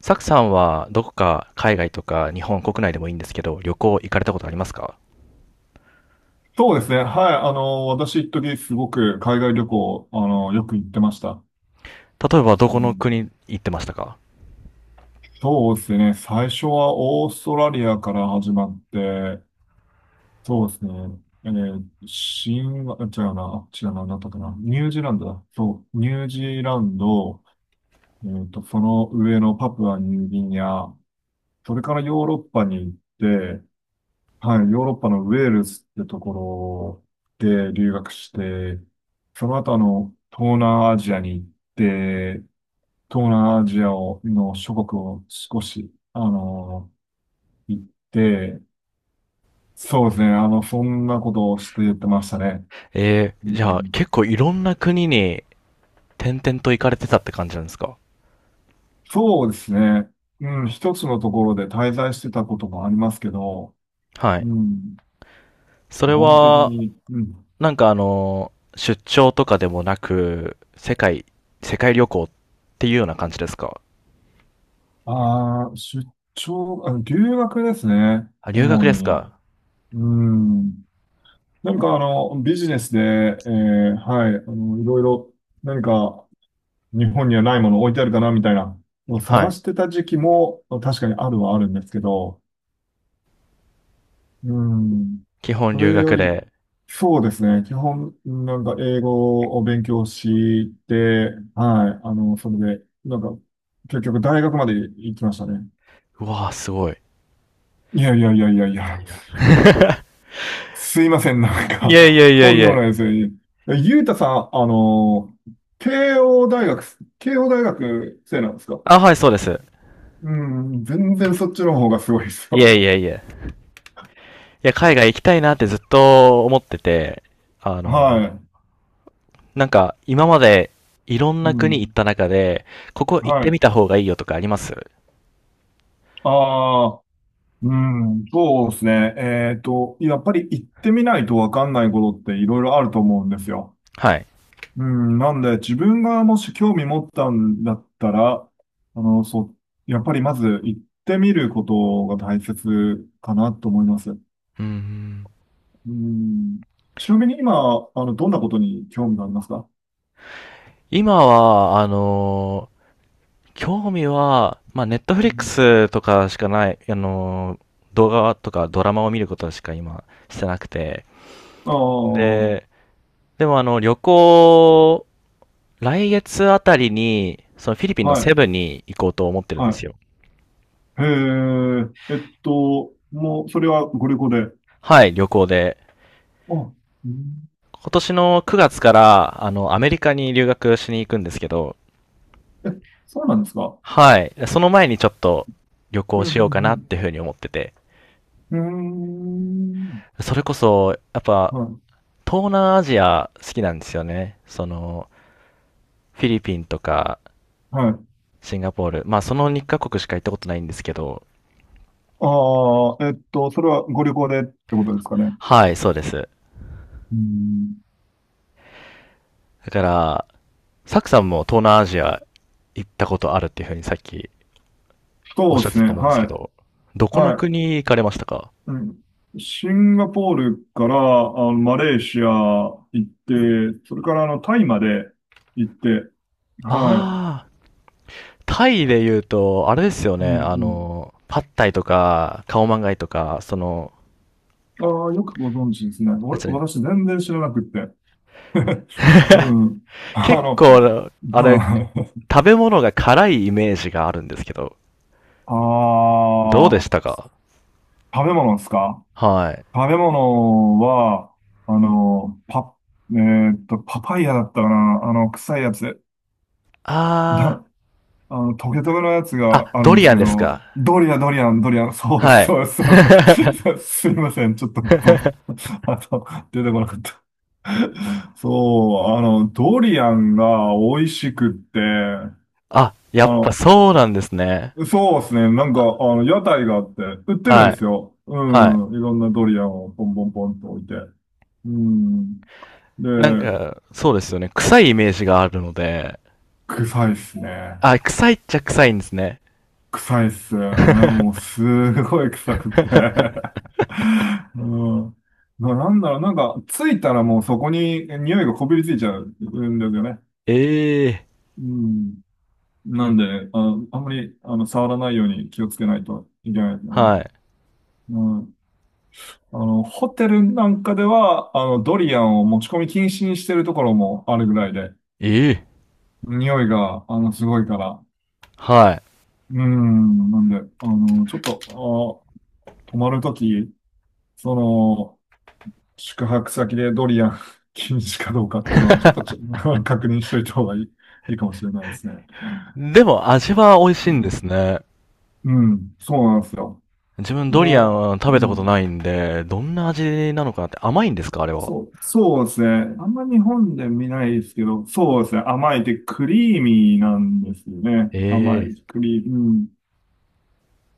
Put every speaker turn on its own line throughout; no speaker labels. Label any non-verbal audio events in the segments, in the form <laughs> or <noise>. サクさんはどこか海外とか日本国内でもいいんですけど、旅行行かれたことありますか？
そうですね。はい。私、一時すごく海外旅行、よく行ってました。
例えばど
う
この
ん。
国行ってましたか？
そうですね。最初はオーストラリアから始まって、そうですね。あ違うな、違うな、なんだったかな。ニュージーランドだ。そう、ニュージーランド、その上のパプアニューギニア、それからヨーロッパに行って、はい、ヨーロッパのウェールズってところで留学して、その後東南アジアに行って、東南アジアをの諸国を少し、行って、そうですね、そんなことをして言ってましたね。う
じゃあ
ん。
結構いろんな国に転々と行かれてたって感じなんですか？
そうですね、うん、一つのところで滞在してたこともありますけど、
はい。
うん、
そ
基
れ
本的
は、
に、うん、
出張とかでもなく、世界旅行っていうような感じですか？
ああ、出張、留学ですね、
あ、留学
主
です
に。
か？
うん。何かビジネスで、はい、いろいろ何か日本にはないもの置いてあるかなみたいなのを
は
探
い。
してた時期も確かにあるはあるんですけど、うん。
基本
そ
留
れ
学
より、
で。
そうですね。基本、なんか英語を勉強して、はい、それで、なんか、結局大学まで行きましたね。
うわー、すごい。
いやいやいやいやい
いや
や。
いや。
すいません、なん
いえい
か、
え
<laughs>
い
と
えい
んでもないで
え。
すね。ゆうたさん、慶応大学生なんですか？
あ、はい、そうです。
うん、全然そっちの方がすごいです
いえ
よ。
いえいえ。や、海外行きたいなってずっと思ってて、あ
<laughs>
の、
はい。
なんか今までいろん
う
な国
ん、
行った中で、ここ行っ
は
てみ
い。
た方がいいよとかあります？
ああ、うん、そうですね。やっぱり行ってみないとわかんないことっていろいろあると思うんですよ。
はい。
うん、なんで、自分がもし興味持ったんだったら、そう、やっぱりまず行ってみることが大切かなと思います。
うん。
うん。ちなみに今、どんなことに興味がありますか？
今は、興味は、まあ、ネットフ
う
リック
ん、
スとかしかない、あの、動画とかドラマを見ることしか今してなくて。
ああ、
で、でもあの、来月あたりに、そのフィリピンの
は
セ
い、
ブンに行こうと思ってるんで
は
すよ。
い。へえ、もう、それはご旅行で。
はい、旅行で。
あ、うん、
今年の9月から、あの、アメリカに留学しに行くんですけど、
え、そうなんですか？
はい。その前にちょっと旅
う
行
ん、う
しようかなっ
ん、
ていうふうに思ってて。
うん。うーん、
それこそ、やっぱ、
はい、
東南アジア好きなんですよね。その、フィリピンとか、
はい。
シンガポール。まあ、その2カ国しか行ったことないんですけど、
ああ、それはご旅行でってことですかね。
はい、そうです。
うん、
だから、サクさんも東南アジア行ったことあるっていうふうにさっきおっ
そう
し
で
ゃって
す
たと
ね。
思うんです
は
けど、
い。
どこの
はい。
国行かれましたか？
うん、シンガポールからマレーシア行って、それからタイまで行って、はい。
ああー、タイで言うと、あれですよ
う
ね、
ん、
あ
うん。
の、パッタイとか、カオマンガイとか、その、
ああ、よくご存知ですね。
なんつうの？
私全然知らなくって。うん。<laughs>
結構、あれ、
はい。
食べ物が辛いイメージがあるんですけど、
あ
どうでした
あ、
か？
食べ物ですか？
はい。
食べ物は、あの、パ、パパイヤだったかな臭いやつ。
あー、
だ、トゲトゲのやつが
あ、
ある
ド
んです
リア
け
ンですか？
ど、ドリアン、ドリアン、ドリアン、そう
はい。
そうそうそう。<laughs> そ
<laughs>
うすいません。ちょっと僕、あと、出てこなかった。そう、ドリアンが美味しくって、
あ、やっぱ
の、
そうなんですね。
そうですね。なんか、屋台があって、売ってる
は
んです
い、
よ。う
はい。
ん。いろんなドリアンをポンポンポンと置いて。うん。
なん
で、
か、そうですよね。臭いイメージがあるので、
臭いっすね。
あ、臭いっちゃ臭いんですね。
臭いっす。あれもう
<laughs>
すごい臭くって。<laughs> うん。なんだろう、なんか、ついたらもうそこに匂いがこびりついちゃうんですよね。
ええ
うん。なんで、あんまり、触らないように気をつけないといけないですよ
ー。
ね。
はい。
うん。ホテルなんかでは、ドリアンを持ち込み禁止にしてるところもあるぐらいで、
ええー。
匂いが、すごいから。
はい。
うん。なんで、ちょっと、泊まるとき、その、宿泊先でドリアン <laughs> 禁止かどうかっていうのは、ちょっとち <laughs> 確認しといた方がいいかもしれないですね。
でも味は美味し
う
いんで
ん、
すね。
うん、そうなんですよ。
自分ドリア
も
ン食
う、
べ
う
たこと
ん、
ないんで、どんな味なのかなって甘いんですか、あれは。
そう、そうですね。あんま日本で見ないですけど、そうですね。甘いってクリーミーなんですよね。甘
え
い、
え。
クリーミー、うん。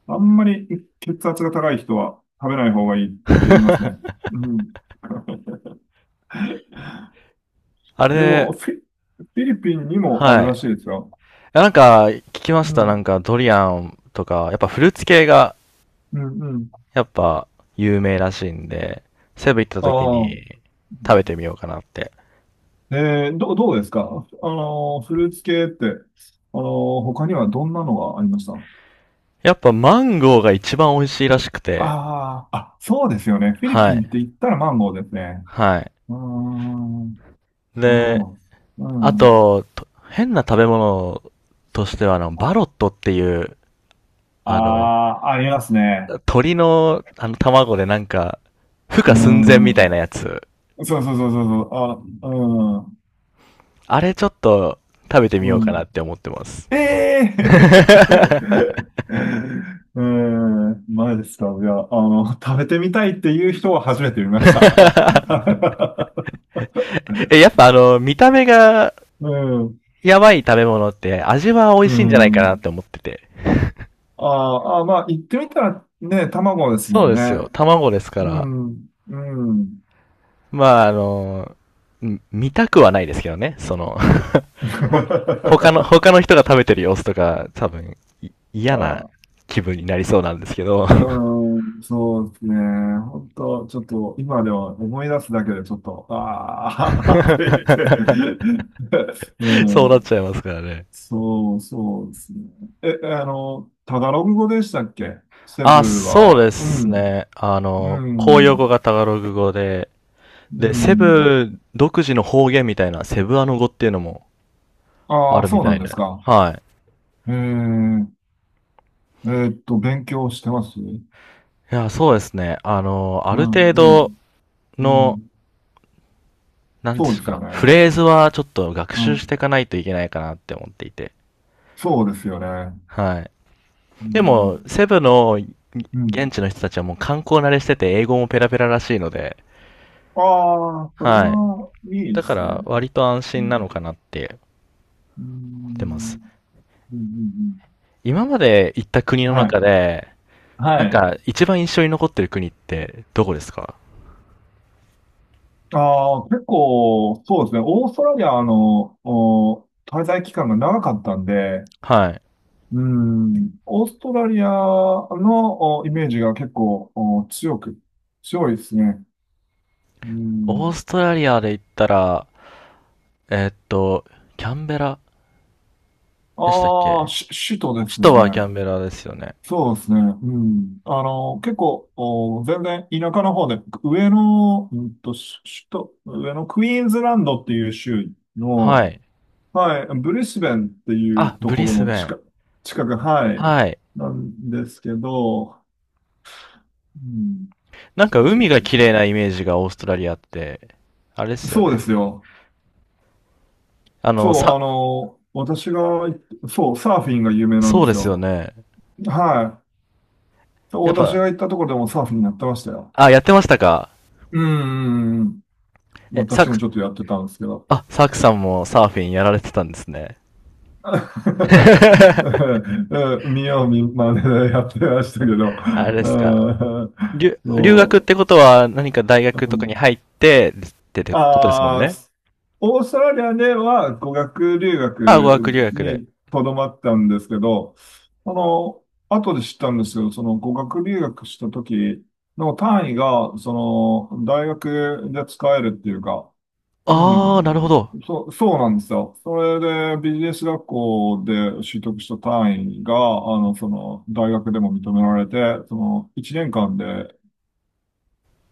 あんまり血圧が高い人は食べない方がいいって言いますね。うん。
あ
で
れ、
も、フィリピンにもあ
は
る
い。い
らしいですよ。
やなんか、聞きまし
う
た。な
ん、
んか、ドリアンとか、やっぱフルーツ系が、
うん、うん。
やっぱ、有名らしいんで、セブン行った
あ
時
あ。
に、食べてみようかなって。
どうですかフルーツ系って、他にはどんなのがありました？
やっぱ、マンゴーが一番美味しいらしくて、
ああー、あ、そうですよね。フィリ
は
ピンっ
い。
て言ったらマンゴーですね。
はい。
うーん、なるほ
で、
ど。う
あ
ん。
と、と変な食べ物としては、あの、バ
あ、
ロットっていう、
あ
あの、
あありますね。
鳥の、あの、卵でなんか、孵
う
化寸前み
ー
たい
ん。
なやつ。
そうそうそうそうそう。あ、うん、
あれちょっと、食べてみよ
う
うか
ん。
なって思ってます。
ええ
<laughs>
ー <laughs> うーん、前ですか？いや、食べてみたいっていう人は初めて見ました。<laughs>
え、やっぱあの、見た目が
うん、
やばい食べ物って味は美
う
味しいんじゃないかなっ
ん。
て思ってて。
あーあー、まあ、言ってみたらね、卵です
そ
も
う
ん
ですよ。
ね。
卵ですか
う
ら。
ん、うん。
まああの、ん見たくはないですけどね。その、ほ他の、
<laughs>
他の人が食べてる様子とか、多分、い嫌な
あ、
気分になりそうなんですけど。
うん、そうですね。本当ちょっと、今では思い出すだけでちょっと、ああ、<laughs> と言って。
<laughs>
<laughs> う
そうなっ
ん、
ちゃいますからね。
そう、そうですね。え、タガログ語でしたっけ、セ
あ、
ブ
そう
は？
で
う
す
ん、
ね。あ
う
の、公用
ん、
語がタガログ語で、
う
で、セ
ん。
ブ独自の方言みたいな、セブアノ語っていうのもあ
ああ、
るみ
そう
た
なん
い
で
で。
すか。
は
ええ勉強してます。うん、
い。いや、そうですね。あの、あ
う
る程
ん、
度
う
の、
ん。
なんで
そう
す
ですよ
か、
ね。
フレーズはちょっと学
う
習し
ん、
ていかないといけないかなって思っていて。
そうですよね。
はい。
う
で
ん、
も、セブの
うん。
現地の人たちはもう観光慣れしてて、英語もペラペラらしいので、
ああ、それ
はい。
はいいで
だか
すね。
ら、割と安
う
心な
ん、
のかなって
う
思ってます。
ん、うん、うん
今まで行った国
う
の
んはい、
中で、なん
はい。
か一番印象に残ってる国ってどこですか？
ああ、結構、そうですね。オーストラリアの、滞在期間が長かったんで、
はい。
うん、オーストラリアの、イメージが結構、強いですね。う
オー
ん。
ストラリアで言ったら、えーっと、キャンベラでしたっ
ああ、
け？
首都で
首
す
都
よ
はキャ
ね。
ンベラですよね。
そうですね。うん。結構、全然田舎の方で、上の、首都、上のクイーンズランドっていう州
は
の、
い。
はい、ブリスベンっていう
あ、
と
ブ
こ
リ
ろ
ス
の
ベン。
近く、はい、
はい。
なんですけど、うん。
なんか
そうそ
海
う
が
そう
綺
そ
麗
う。
なイメージがオーストラリアって、あれですよ
そうで
ね。
すよ。
あ
そ
の、
う、
さ、
私が行って、そう、サーフィンが有名なん
そう
で
で
す
すよ
よ。
ね。
はい。そう
やっ
私
ぱ、
が行ったところでもサーフィンやってましたよ。
あ、やってましたか？
うーん。
え、サ
私も
ク、
ちょっとやってたんですけど。
あ、サクさんもサーフィンやられてたんですね。
<laughs>
<laughs>
うん。見よう見まねでやってましたけど。
あれで
う
すか。
ん、
留学
そ
ってことは何か大
う。
学
う
とかに
ん。
入ってってことですもん
ああ、
ね。
オーストラリアでは語学留
あ、語
学
学留学で。
にとどまったんですけど、後で知ったんですけど、その語学留学した時の単位が、その、大学で使えるっていうか、う
ああ、なるほ
ん。
ど。
そう、そうなんですよ。それで、ビジネス学校で取得した単位が、その、大学でも認められて、その、1年間で、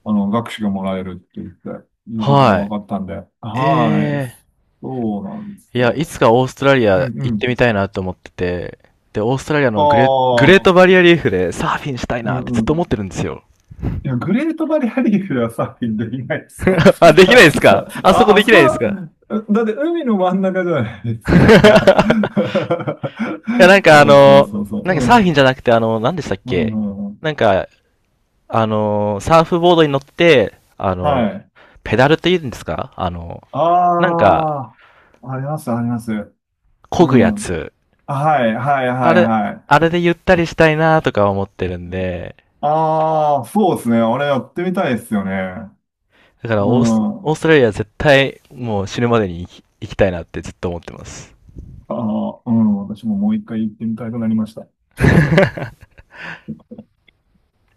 学士がもらえるっていうことが分
はい。
かったんで。はい。
え
そうなんで
え
す
ー。いや、い
よ。
つかオーストラリ
う
ア
ん、う
行って
ん。
みたいなと思ってて、で、オーストラリアのグ
あ
レー
あ、
トバリアリーフでサーフィンしたい
う
なってずっ
ん、う
と
ん、
思ってるんですよ。
いや、グレートバリアリーフではサーフィンできないですよ。
<laughs> あ、で
<laughs>
き
あ、
ないですか？あそこ
あ
でき
そこ
ないです
は、
か？ <laughs> い
だって海の真ん中じゃないですか。
や、なん
<laughs>
かあ
そうそう
の、
そうそう。
なんか
う
サー
ん。
フィンじゃなくてあの、何でしたっ
う
け？
ん、うん、
なんか、あの、サーフボードに乗って、あ
は
の、
い。
ペダルって言うんですか、あの、なんか、
ああ、あります、あります。
漕
う
ぐや
ん。
つ。
はい、はい、は
あ
い、
れ、
はい。
あれでゆったりしたいなとか思ってるんで、
ああ、そうですね。あれやってみたいですよね。
だか
う
らオース、
ん。あ
オーストラリア絶対もう死ぬまでに行きたいなってずっと思ってます。
あ、うん。私ももう一回行ってみたくなりました。
<laughs>